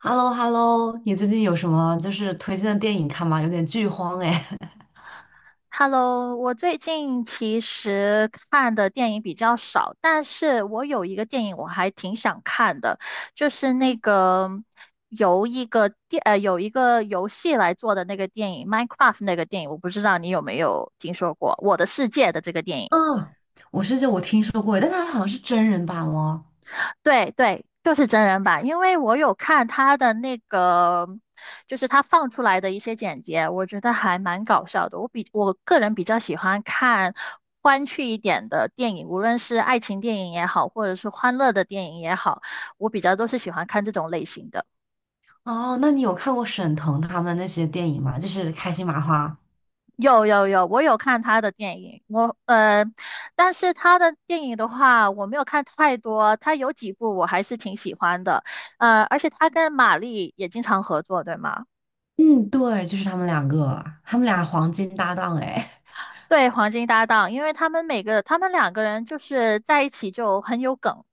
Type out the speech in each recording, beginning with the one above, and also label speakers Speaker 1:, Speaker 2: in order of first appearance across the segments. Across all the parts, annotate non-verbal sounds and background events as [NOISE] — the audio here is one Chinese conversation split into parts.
Speaker 1: h e l l o h e l l o 你最近有什么就是推荐的电影看吗？有点剧荒哎。[LAUGHS]
Speaker 2: Hello，我最近其实看的电影比较少，但是我有一个电影我还挺想看的，就是那个由一个电呃有一个游戏来做的那个电影《Minecraft》那个电影，我不知道你有没有听说过《我的世界》的这个电影。
Speaker 1: 啊，就我听说过，但它好像是真人版哦。
Speaker 2: 对对，就是真人版，因为我有看他的那个，就是他放出来的一些剪辑，我觉得还蛮搞笑的。我个人比较喜欢看欢趣一点的电影，无论是爱情电影也好，或者是欢乐的电影也好，我比较都是喜欢看这种类型的。
Speaker 1: 哦，那你有看过沈腾他们那些电影吗？就是开心麻花。
Speaker 2: 有有有，我有看他的电影，但是他的电影的话，我没有看太多，他有几部我还是挺喜欢的，而且他跟马丽也经常合作，对吗？
Speaker 1: 嗯，对，就是他们两个，他们俩黄金搭档哎。[LAUGHS]
Speaker 2: 对，黄金搭档，因为他们两个人就是在一起就很有梗。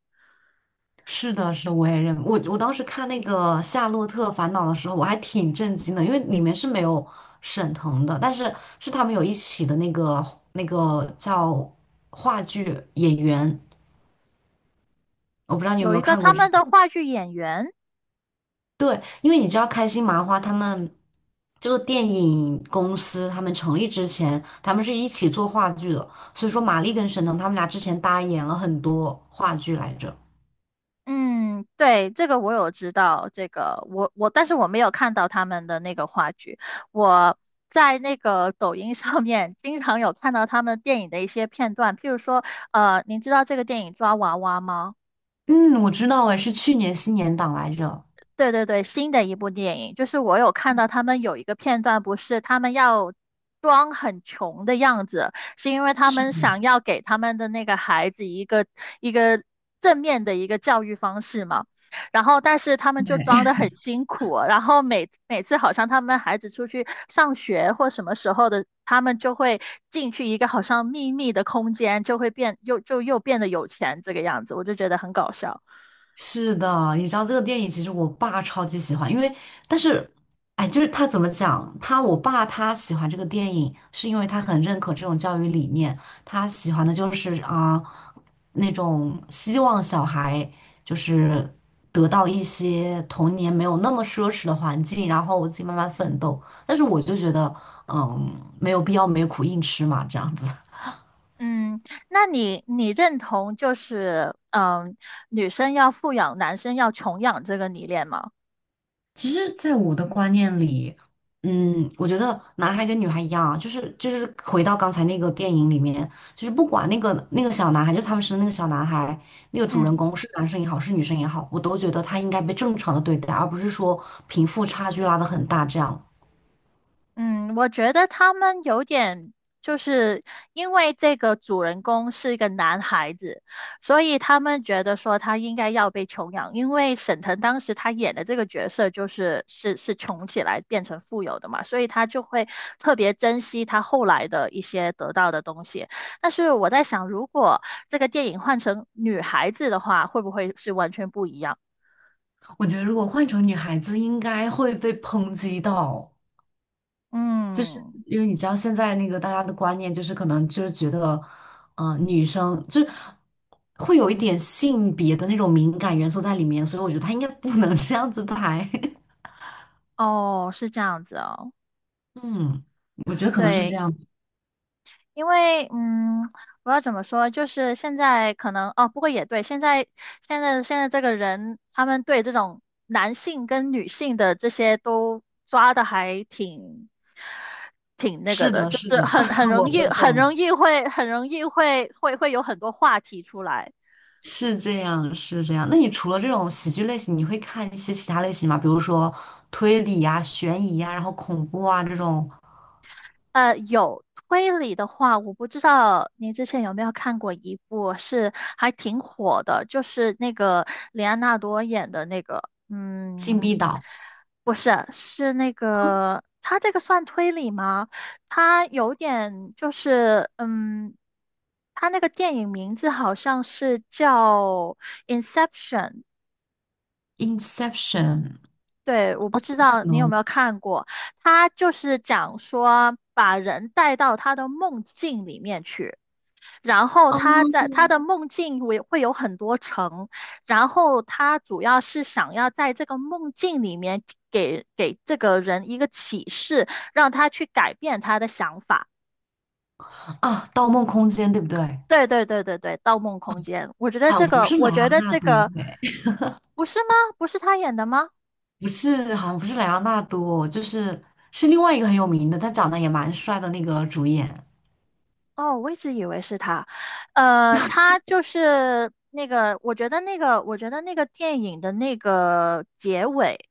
Speaker 1: 是的，是的，我也认我我当时看那个《夏洛特烦恼》的时候，我还挺震惊的，因为里面是没有沈腾的，但是是他们有一起的那个叫话剧演员。我不知道你有没
Speaker 2: 有
Speaker 1: 有
Speaker 2: 一个
Speaker 1: 看
Speaker 2: 他
Speaker 1: 过这
Speaker 2: 们
Speaker 1: 个？
Speaker 2: 的话剧演员，
Speaker 1: 对，因为你知道开心麻花他们这个电影公司，他们成立之前，他们是一起做话剧的，所以说马丽跟沈腾他们俩之前搭演了很多话剧来着。
Speaker 2: 嗯，对，这个我有知道，这个我我，但是我没有看到他们的那个话剧。我在那个抖音上面经常有看到他们电影的一些片段，譬如说，您知道这个电影《抓娃娃》吗？
Speaker 1: 嗯，我知道，哎，是去年新年档来着。
Speaker 2: 对对对，新的一部电影，就是我有看到他们有一个片段，不是他们要装很穷的样子，是因为他们想要给他们的那个孩子一个正面的一个教育方式嘛。然后，但是他们就装的很辛苦，然后每次好像他们孩子出去上学或什么时候的，他们就会进去一个好像秘密的空间，就又变得有钱这个样子，我就觉得很搞笑。
Speaker 1: 是的，你知道这个电影，其实我爸超级喜欢，但是，哎，就是他怎么讲，我爸他喜欢这个电影，是因为他很认可这种教育理念，他喜欢的就是啊、那种希望小孩就是得到一些童年没有那么奢侈的环境，然后我自己慢慢奋斗。但是我就觉得，嗯，没有必要没苦硬吃嘛，这样子。
Speaker 2: 嗯，那你认同女生要富养，男生要穷养这个理念吗？
Speaker 1: 其实，在我的观念里，我觉得男孩跟女孩一样啊，就是回到刚才那个电影里面，就是不管那个小男孩，就是他们生的那个小男孩，那个主人
Speaker 2: 嗯。
Speaker 1: 公是男生也好，是女生也好，我都觉得他应该被正常的对待，而不是说贫富差距拉得很大这样。
Speaker 2: 嗯，我觉得他们有点，就是因为这个主人公是一个男孩子，所以他们觉得说他应该要被穷养，因为沈腾当时他演的这个角色就是穷起来变成富有的嘛，所以他就会特别珍惜他后来的一些得到的东西。但是我在想，如果这个电影换成女孩子的话，会不会是完全不一样？
Speaker 1: 我觉得如果换成女孩子，应该会被抨击到。就是
Speaker 2: 嗯，
Speaker 1: 因为你知道现在那个大家的观念就是可能就是觉得，女生就是会有一点性别的那种敏感元素在里面，所以我觉得他应该不能 [LAUGHS] 这样子拍。[LAUGHS]
Speaker 2: 哦，是这样子哦。
Speaker 1: 嗯，我觉得可能是这
Speaker 2: 对，
Speaker 1: 样子。
Speaker 2: 因为，嗯，我要怎么说？就是现在可能哦，不过也对，现在这个人，他们对这种男性跟女性的这些都抓的还挺那个
Speaker 1: 是
Speaker 2: 的，
Speaker 1: 的，
Speaker 2: 就
Speaker 1: 是
Speaker 2: 是
Speaker 1: 的，
Speaker 2: 很很
Speaker 1: [LAUGHS] 我
Speaker 2: 容易
Speaker 1: 我
Speaker 2: 很容
Speaker 1: 懂，
Speaker 2: 易会很容易会会会有很多话题出来。
Speaker 1: 是这样，是这样。那你除了这种喜剧类型，你会看一些其他类型吗？比如说推理啊、悬疑啊，然后恐怖啊这种，
Speaker 2: 有推理的话，我不知道您之前有没有看过一部是还挺火的，就是那个里安纳多演的那个，
Speaker 1: 《禁
Speaker 2: 嗯，
Speaker 1: 闭岛》
Speaker 2: 不是，是那个他这个算推理吗？他有点就是，嗯，他那个电影名字好像是叫《Inception》,
Speaker 1: 《Inception》
Speaker 2: 对，我不知道
Speaker 1: 可
Speaker 2: 你有
Speaker 1: 能
Speaker 2: 没有看过，他就是讲说把人带到他的梦境里面去，然后
Speaker 1: 啊
Speaker 2: 他在他的梦境会有很多层，然后他主要是想要在这个梦境里面给这个人一个启示，让他去改变他的想法。
Speaker 1: 啊，《盗梦空间》对不对？
Speaker 2: 对对对对对，《盗梦空间》，
Speaker 1: 好像不是
Speaker 2: 我
Speaker 1: 莱
Speaker 2: 觉
Speaker 1: 昂
Speaker 2: 得
Speaker 1: 纳
Speaker 2: 这
Speaker 1: 多，
Speaker 2: 个
Speaker 1: 哎，
Speaker 2: 不是吗？不是他演的吗？
Speaker 1: 不是，好像不是莱昂纳多，是另外一个很有名的，他长得也蛮帅的那个主演。
Speaker 2: 哦，我一直以为是他，呃，我觉得那个电影的那个结尾，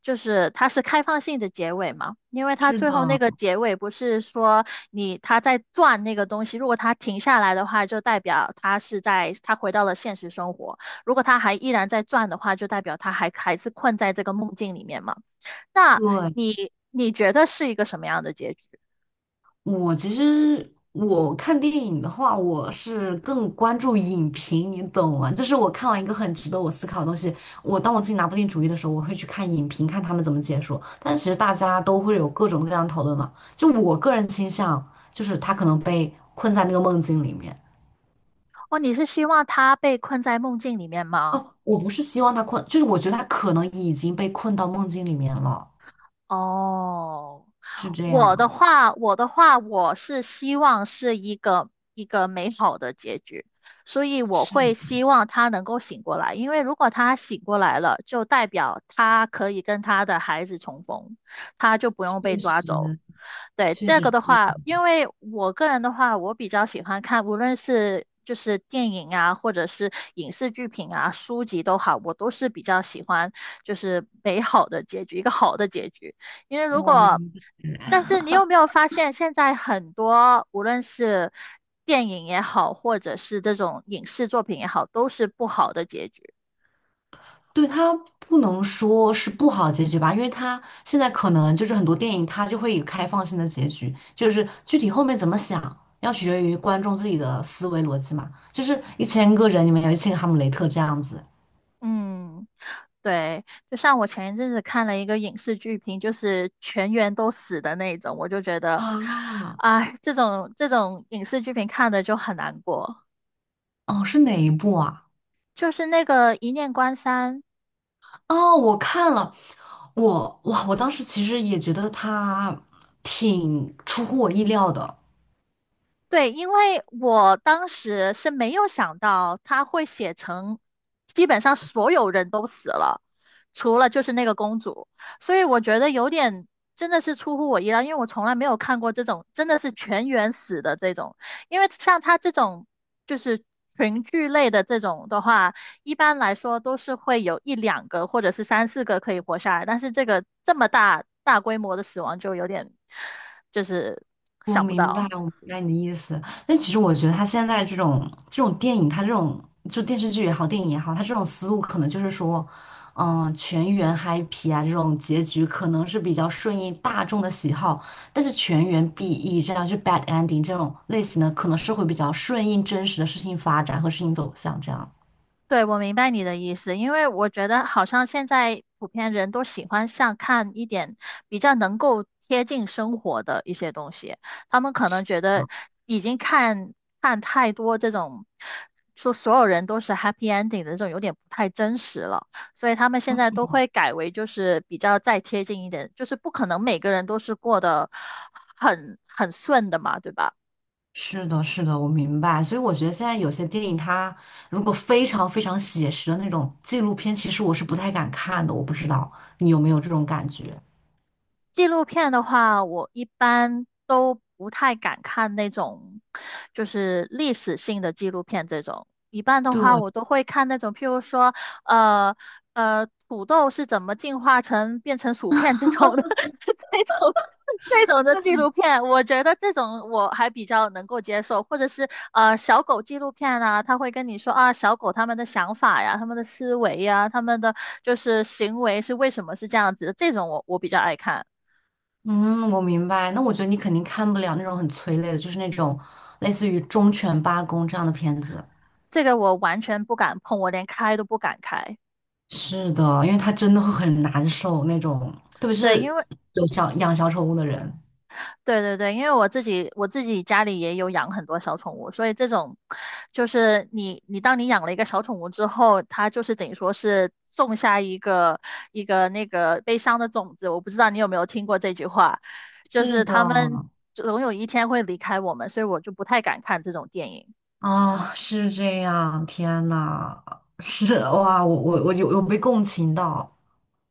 Speaker 2: 就是它是开放性的结尾嘛，因为它
Speaker 1: 是
Speaker 2: 最
Speaker 1: 的，
Speaker 2: 后那个结尾不是说你他在转那个东西，如果他停下来的话，就代表他是在他回到了现实生活，如果他还依然在转的话，就代表他还是困在这个梦境里面嘛。那
Speaker 1: 对，
Speaker 2: 你觉得是一个什么样的结局？
Speaker 1: 其实我看电影的话，我是更关注影评，你懂吗？就是我看完一个很值得我思考的东西，当我自己拿不定主意的时候，我会去看影评，看他们怎么解说。但其实大家都会有各种各样的讨论嘛，就我个人倾向，就是他可能被困在那个梦境里面。
Speaker 2: 哦，你是希望他被困在梦境里面吗？
Speaker 1: 哦，我不是希望他困，就是我觉得他可能已经被困到梦境里面了，
Speaker 2: 哦，
Speaker 1: 是这
Speaker 2: 我的
Speaker 1: 样。
Speaker 2: 话，我的话，我是希望是一个美好的结局，所以我
Speaker 1: 是
Speaker 2: 会
Speaker 1: 的，
Speaker 2: 希望他能够醒过来，因为如果他醒过来了，就代表他可以跟他的孩子重逢，他就不用被
Speaker 1: 确
Speaker 2: 抓走。
Speaker 1: 实，
Speaker 2: 对，
Speaker 1: 确
Speaker 2: 这
Speaker 1: 实
Speaker 2: 个
Speaker 1: 是
Speaker 2: 的
Speaker 1: 这样。
Speaker 2: 话，因为我个人的话，我比较喜欢看，无论是就是电影啊，或者是影视剧品啊、书籍都好，我都是比较喜欢就是美好的结局，一个好的结局。因为如
Speaker 1: 我
Speaker 2: 果，
Speaker 1: 明白。
Speaker 2: 但是你有没有发现，现在很多无论是电影也好，或者是这种影视作品也好，都是不好的结局。
Speaker 1: 对，他不能说是不好结局吧，因为他现在可能就是很多电影，它就会有开放性的结局，就是具体后面怎么想，要取决于观众自己的思维逻辑嘛。就是一千个人里面有一千个哈姆雷特这样子
Speaker 2: 嗯，对，就像我前一阵子看了一个影视剧评，就是全员都死的那种，我就觉得，
Speaker 1: 啊。
Speaker 2: 哎，这种影视剧评看的就很难过。
Speaker 1: 哦，是哪一部啊？
Speaker 2: 就是那个《一念关山》，
Speaker 1: 哦，我看了，我当时其实也觉得他挺出乎我意料的。
Speaker 2: 对，因为我当时是没有想到他会写成，基本上所有人都死了，除了就是那个公主，所以我觉得有点真的是出乎我意料，因为我从来没有看过这种真的是全员死的这种，因为像他这种就是群聚类的这种的话，一般来说都是会有一两个或者是三四个可以活下来，但是这么大大规模的死亡就有点就是
Speaker 1: 我
Speaker 2: 想不
Speaker 1: 明白，
Speaker 2: 到。
Speaker 1: 我明白你的意思。但其实我觉得他现在这种电影，他这种就电视剧也好，电影也好，他这种思路可能就是说，全员 happy 啊，这种结局可能是比较顺应大众的喜好，但是全员 BE 这样就 bad ending 这种类型的，可能是会比较顺应真实的事情发展和事情走向这样。
Speaker 2: 对，我明白你的意思，因为我觉得好像现在普遍人都喜欢像看一点比较能够贴近生活的一些东西，他们可能觉得已经看太多这种说所有人都是 happy ending 的这种有点不太真实了，所以他们现在都会改为就是比较再贴近一点，就是不可能每个人都是过得很顺的嘛，对吧？
Speaker 1: 是的，是的，我明白。所以我觉得现在有些电影，它如果非常非常写实的那种纪录片，其实我是不太敢看的。我不知道你有没有这种感觉？
Speaker 2: 纪录片的话，我一般都不太敢看那种，就是历史性的纪录片这种。一般的话，
Speaker 1: 对，
Speaker 2: 我都会看那种，譬如说，呃土豆是怎么进化成变成薯片这种的，[LAUGHS] 这种这种的纪录片，我觉得这种我还比较能够接受，或者是小狗纪录片啊，他会跟你说啊，小狗他们的想法呀，他们的思维呀，他们的就是行为是为什么是这样子的，这种我比较爱看。
Speaker 1: 嗯，我明白。那我觉得你肯定看不了那种很催泪的，就是那种类似于《忠犬八公》这样的片子。
Speaker 2: 这个我完全不敢碰，我连开都不敢开。
Speaker 1: 是的，因为它真的会很难受那种，特别
Speaker 2: 对，因
Speaker 1: 是
Speaker 2: 为
Speaker 1: 养小宠物的人。
Speaker 2: 对对对，因为我自己家里也有养很多小宠物，所以这种就是当你养了一个小宠物之后，它就是等于说是种下一个那个悲伤的种子。我不知道你有没有听过这句话，就
Speaker 1: 是
Speaker 2: 是
Speaker 1: 的，
Speaker 2: 他们总有一天会离开我们，所以我就不太敢看这种电影。
Speaker 1: 啊，是这样。天呐，是哇，我有被共情到。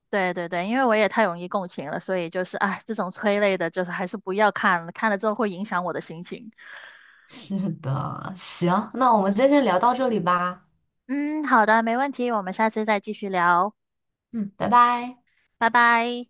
Speaker 2: 对对对，因为我也太容易共情了，所以就是哎，这种催泪的，就是还是不要看了，看了之后会影响我的心情。
Speaker 1: 是的，行，那我们今天先聊到这里吧，
Speaker 2: 嗯，好的，没问题，我们下次再继续聊，
Speaker 1: 嗯，拜拜。
Speaker 2: 拜拜。